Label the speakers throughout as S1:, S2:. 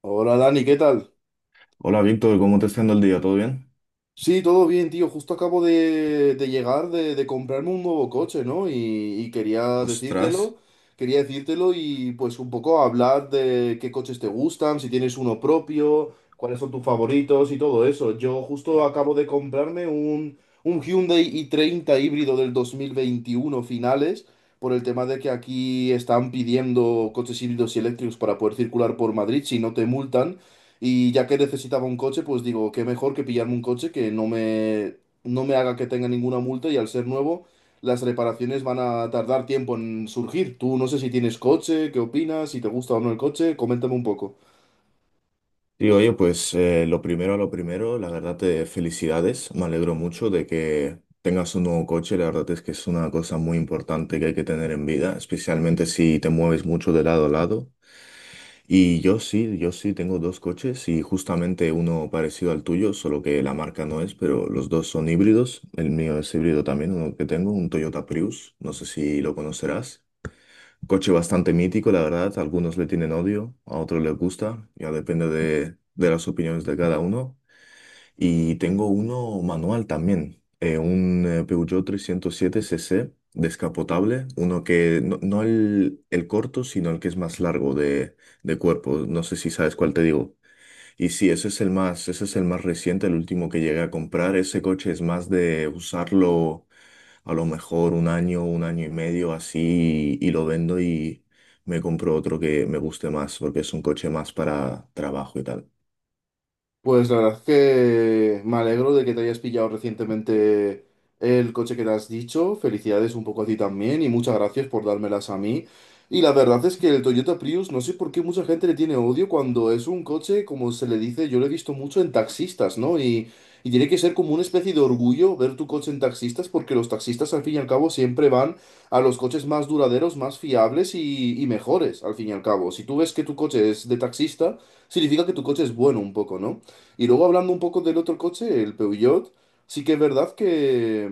S1: Hola Dani, ¿qué tal?
S2: Hola Víctor, ¿cómo te está yendo el día? ¿Todo bien?
S1: Sí, todo bien, tío. Justo acabo de llegar de comprarme un nuevo coche, ¿no? Y
S2: Ostras.
S1: quería decírtelo y pues un poco hablar de qué coches te gustan, si tienes uno propio, cuáles son tus favoritos y todo eso. Yo justo acabo de comprarme un Hyundai i30 híbrido del 2021 finales, por el tema de que aquí están pidiendo coches híbridos y eléctricos para poder circular por Madrid si no te multan. Y ya que necesitaba un coche, pues digo, qué mejor que pillarme un coche que no me haga que tenga ninguna multa y al ser nuevo, las reparaciones van a tardar tiempo en surgir. Tú no sé si tienes coche, qué opinas, si te gusta o no el coche, coméntame un poco.
S2: Y oye, pues lo primero a lo primero, la verdad te felicidades. Me alegro mucho de que tengas un nuevo coche. La verdad es que es una cosa muy importante que hay que tener en vida, especialmente si te mueves mucho de lado a lado. Y yo sí tengo dos coches y justamente uno parecido al tuyo, solo que la marca no es, pero los dos son híbridos. El mío es híbrido también, uno que tengo, un Toyota Prius. No sé si lo conocerás. Un coche bastante mítico, la verdad. Algunos le tienen odio, a otros les gusta. Ya depende de las opiniones de cada uno. Y tengo uno manual también, un Peugeot 307cc descapotable, uno que no, el corto, sino el que es más largo de cuerpo. No sé si sabes cuál te digo. Y sí, ese es el más reciente, el último que llegué a comprar. Ese coche es más de usarlo a lo mejor un año y medio así y lo vendo y me compro otro que me guste más porque es un coche más para trabajo y tal.
S1: Pues la verdad es que me alegro de que te hayas pillado recientemente el coche que te has dicho. Felicidades un poco a ti también y muchas gracias por dármelas a mí. Y la verdad es que el Toyota Prius, no sé por qué mucha gente le tiene odio cuando es un coche, como se le dice, yo lo he visto mucho en taxistas, ¿no? Y tiene que ser como una especie de orgullo ver tu coche en taxistas porque los taxistas al fin y al cabo siempre van a los coches más duraderos, más fiables y mejores al fin y al cabo. Si tú ves que tu coche es de taxista, significa que tu coche es bueno un poco, ¿no? Y luego hablando un poco del otro coche, el Peugeot, sí que es verdad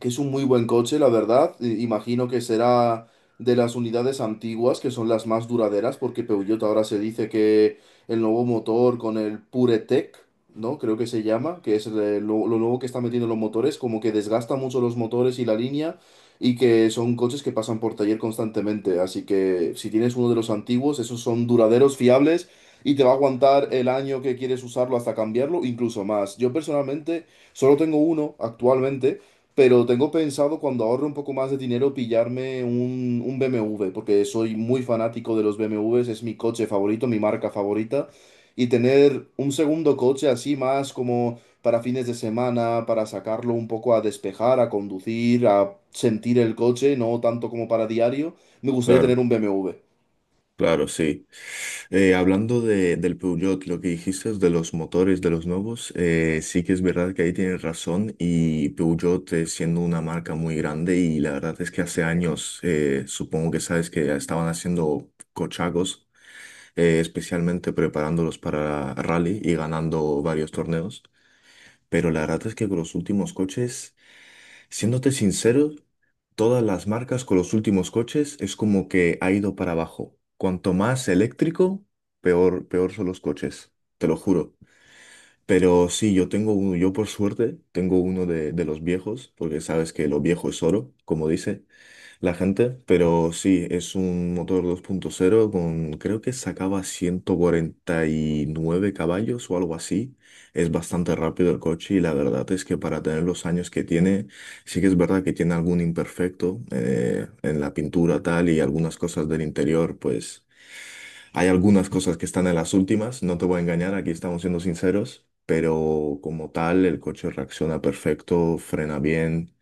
S1: que es un muy buen coche, la verdad. Imagino que será de las unidades antiguas, que son las más duraderas, porque Peugeot ahora se dice que el nuevo motor con el PureTech, ¿no? Creo que se llama, que es lo nuevo que está metiendo en los motores, como que desgasta mucho los motores y la línea, y que son coches que pasan por taller constantemente. Así que si tienes uno de los antiguos, esos son duraderos, fiables. Y te va a aguantar el año que quieres usarlo hasta cambiarlo, incluso más. Yo personalmente solo tengo uno actualmente, pero tengo pensado cuando ahorre un poco más de dinero pillarme un BMW, porque soy muy fanático de los BMWs, es mi coche favorito, mi marca favorita. Y tener un segundo coche así más como para fines de semana, para sacarlo un poco a despejar, a conducir, a sentir el coche, no tanto como para diario, me gustaría tener
S2: Claro,
S1: un BMW.
S2: claro, sí. Hablando del Peugeot, lo que dijiste es de los motores, de los nuevos, sí que es verdad que ahí tienes razón y Peugeot siendo una marca muy grande y la verdad es que hace años, supongo que sabes que estaban haciendo cochagos, especialmente preparándolos para rally y ganando varios torneos, pero la verdad es que con los últimos coches, siéndote sincero, todas las marcas con los últimos coches es como que ha ido para abajo. Cuanto más eléctrico, peor son los coches, te lo juro. Pero sí, yo tengo uno, yo por suerte tengo uno de los viejos, porque sabes que lo viejo es oro, como dice la gente, pero sí, es un motor 2.0 con, creo que sacaba 149 caballos o algo así. Es bastante rápido el coche y la verdad es que para tener los años que tiene, sí que es verdad que tiene algún imperfecto en la pintura tal y algunas cosas del interior, pues hay algunas cosas que están en las últimas, no te voy a engañar, aquí estamos siendo sinceros. Pero como tal, el coche reacciona perfecto, frena bien,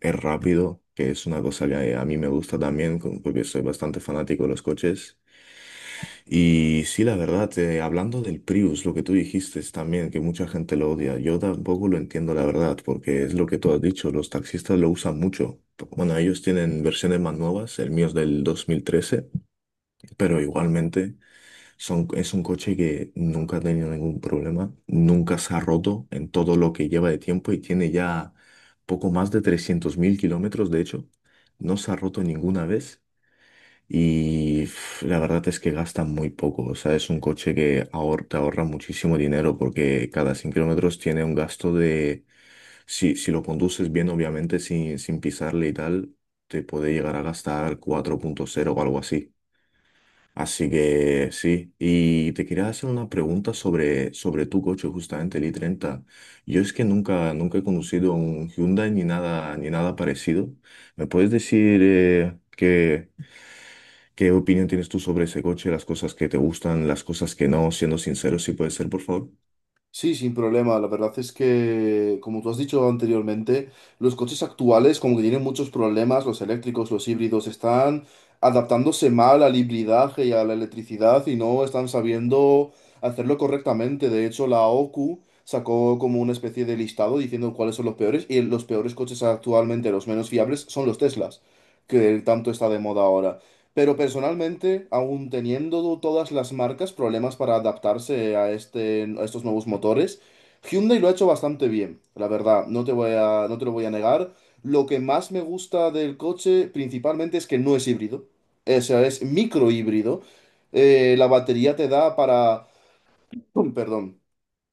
S2: es rápido, que es una cosa que a mí me gusta también, porque soy bastante fanático de los coches. Y sí, la verdad, hablando del Prius, lo que tú dijiste es también que mucha gente lo odia. Yo tampoco lo entiendo, la verdad, porque es lo que tú has dicho, los taxistas lo usan mucho. Bueno, ellos tienen versiones más nuevas, el mío es del 2013, pero igualmente es un coche que nunca ha tenido ningún problema, nunca se ha roto en todo lo que lleva de tiempo y tiene ya poco más de 300.000 kilómetros, de hecho. No se ha roto ninguna vez y pf, la verdad es que gasta muy poco. O sea, es un coche que te ahorra muchísimo dinero porque cada 100 kilómetros tiene un gasto de... si lo conduces bien, obviamente, sin pisarle y tal, te puede llegar a gastar 4,0 o algo así. Así que sí, y te quería hacer una pregunta sobre tu coche, justamente el i treinta. Yo es que nunca he conducido un Hyundai ni nada, ni nada parecido. ¿Me puedes decir qué opinión tienes tú sobre ese coche, las cosas que te gustan, las cosas que no, siendo sincero, si puede ser, por favor?
S1: Sí, sin problema. La verdad es que, como tú has dicho anteriormente, los coches actuales como que tienen muchos problemas, los eléctricos, los híbridos, están adaptándose mal al hibridaje y a la electricidad y no están sabiendo hacerlo correctamente. De hecho, la OQ sacó como una especie de listado diciendo cuáles son los peores y los peores coches actualmente, los menos fiables, son los Teslas, que tanto está de moda ahora. Pero personalmente, aún teniendo todas las marcas problemas para adaptarse a este, a estos nuevos motores, Hyundai lo ha hecho bastante bien, la verdad, no te lo voy a negar. Lo que más me gusta del coche principalmente es que no es híbrido, o sea, es microhíbrido. La batería te da para... Perdón,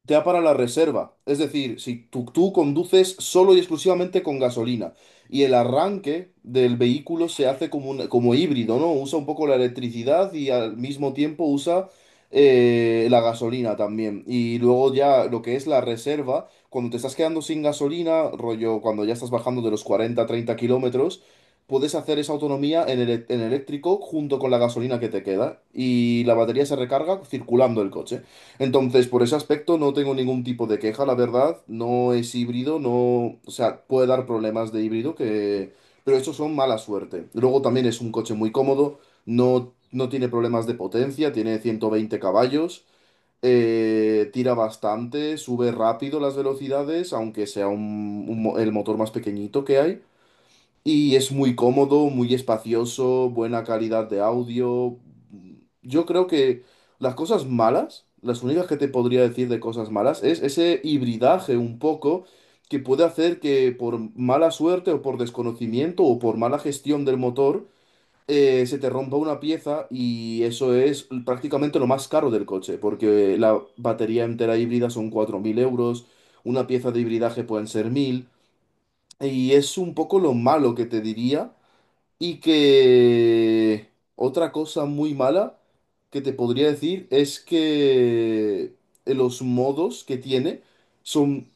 S1: te da para la reserva. Es decir, si tú conduces solo y exclusivamente con gasolina y el arranque del vehículo se hace como, como híbrido, ¿no? Usa un poco la electricidad y al mismo tiempo usa la gasolina también. Y luego ya lo que es la reserva, cuando te estás quedando sin gasolina, rollo, cuando ya estás bajando de los 40 30 kilómetros. Puedes hacer esa autonomía en, en eléctrico junto con la gasolina que te queda y la batería se recarga circulando el coche. Entonces, por ese aspecto no tengo ningún tipo de queja, la verdad. No es híbrido, no, o sea, puede dar problemas de híbrido que, pero estos son mala suerte. Luego también es un coche muy cómodo, no tiene problemas de potencia, tiene 120 caballos, tira bastante, sube rápido las velocidades, aunque sea el motor más pequeñito que hay. Y es muy cómodo, muy espacioso, buena calidad de audio. Yo creo que las cosas malas, las únicas que te podría decir de cosas malas, es ese hibridaje un poco que puede hacer que por mala suerte o por desconocimiento o por mala gestión del motor, se te rompa una pieza y eso es prácticamente lo más caro del coche, porque la batería entera híbrida son 4.000 euros, una pieza de hibridaje pueden ser 1.000. Y es un poco lo malo que te diría, y que otra cosa muy mala que te podría decir es que los modos que tiene son...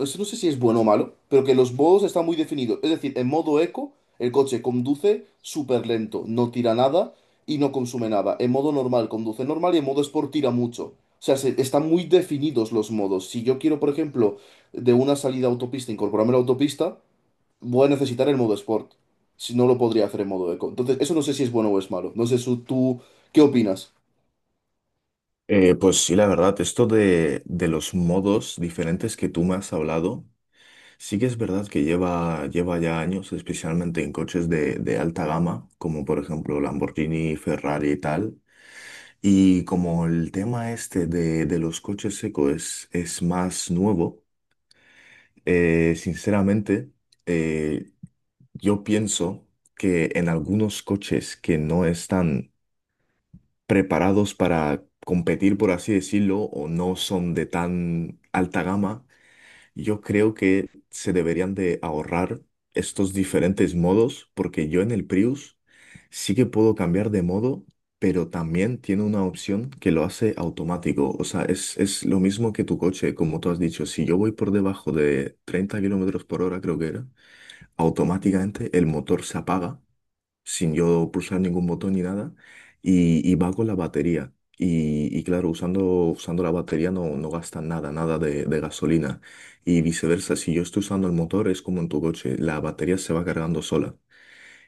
S1: Eso, no sé si es bueno o malo, pero que los modos están muy definidos. Es decir, en modo eco, el coche conduce súper lento, no tira nada y no consume nada. En modo normal, conduce normal y en modo sport tira mucho. O sea, están muy definidos los modos. Si yo quiero, por ejemplo, de una salida a autopista incorporarme a la autopista, voy a necesitar el modo Sport. Si no lo podría hacer en modo Eco. Entonces, eso no sé si es bueno o es malo. No sé su- Tú, ¿qué opinas?
S2: Pues sí, la verdad, esto de los modos diferentes que tú me has hablado, sí que es verdad que lleva ya años, especialmente en coches de alta gama, como por ejemplo Lamborghini, Ferrari y tal. Y como el tema este de los coches eco es más nuevo, sinceramente, eh, yo pienso que en algunos coches que no están preparados para competir, por así decirlo, o no son de tan alta gama, yo creo que se deberían de ahorrar estos diferentes modos porque yo en el Prius sí que puedo cambiar de modo, pero también tiene una opción que lo hace automático. O sea, es lo mismo que tu coche, como tú has dicho. Si yo voy por debajo de 30 kilómetros por hora, creo que era, automáticamente el motor se apaga sin yo pulsar ningún botón ni nada, y va con la batería. Y claro, usando la batería no gasta nada, nada de gasolina. Y viceversa, si yo estoy usando el motor, es como en tu coche, la batería se va cargando sola.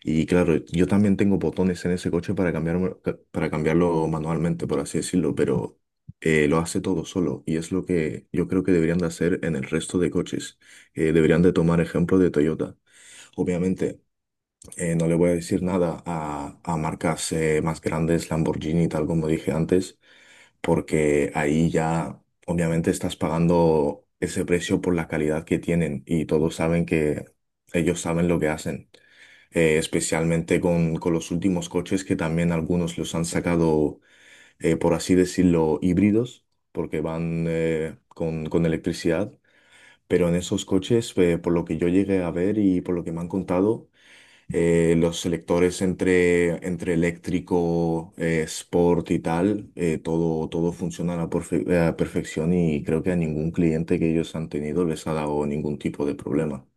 S2: Y claro, yo también tengo botones en ese coche para cambiarlo manualmente, por así decirlo, pero lo hace todo solo. Y es lo que yo creo que deberían de hacer en el resto de coches. Deberían de tomar ejemplo de Toyota. Obviamente. No le voy a decir nada a marcas más grandes, Lamborghini, tal como dije antes, porque ahí ya obviamente estás pagando ese precio por la calidad que tienen y todos saben que ellos saben lo que hacen especialmente con los últimos coches que también algunos los han sacado, por así decirlo, híbridos, porque van con electricidad. Pero en esos coches, por lo que yo llegué a ver y por lo que me han contado, los selectores entre eléctrico, sport y tal, todo funciona a la a perfección y creo que a ningún cliente que ellos han tenido les ha dado ningún tipo de problema.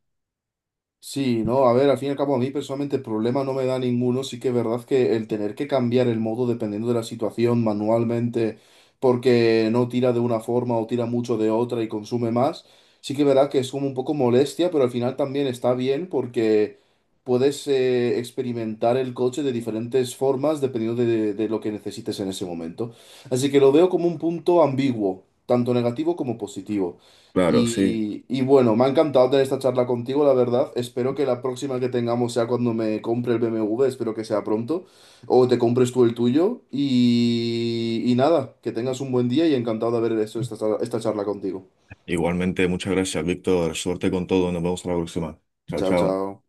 S1: Sí, no, a ver, al fin y al cabo a mí personalmente el problema no me da ninguno, sí que es verdad que el tener que cambiar el modo dependiendo de la situación manualmente porque no tira de una forma o tira mucho de otra y consume más, sí que es verdad que es como un poco molestia, pero al final también está bien porque puedes experimentar el coche de diferentes formas dependiendo de lo que necesites en ese momento. Así que lo veo como un punto ambiguo, tanto negativo como positivo.
S2: Claro, sí.
S1: Y bueno, me ha encantado tener esta charla contigo, la verdad. Espero que la próxima que tengamos sea cuando me compre el BMW, espero que sea pronto, o te compres tú el tuyo. Y nada, que tengas un buen día y encantado de haber hecho esta charla contigo.
S2: Igualmente, muchas gracias, Víctor. Suerte con todo. Nos vemos a la próxima. Chao,
S1: Chao,
S2: chao.
S1: chao.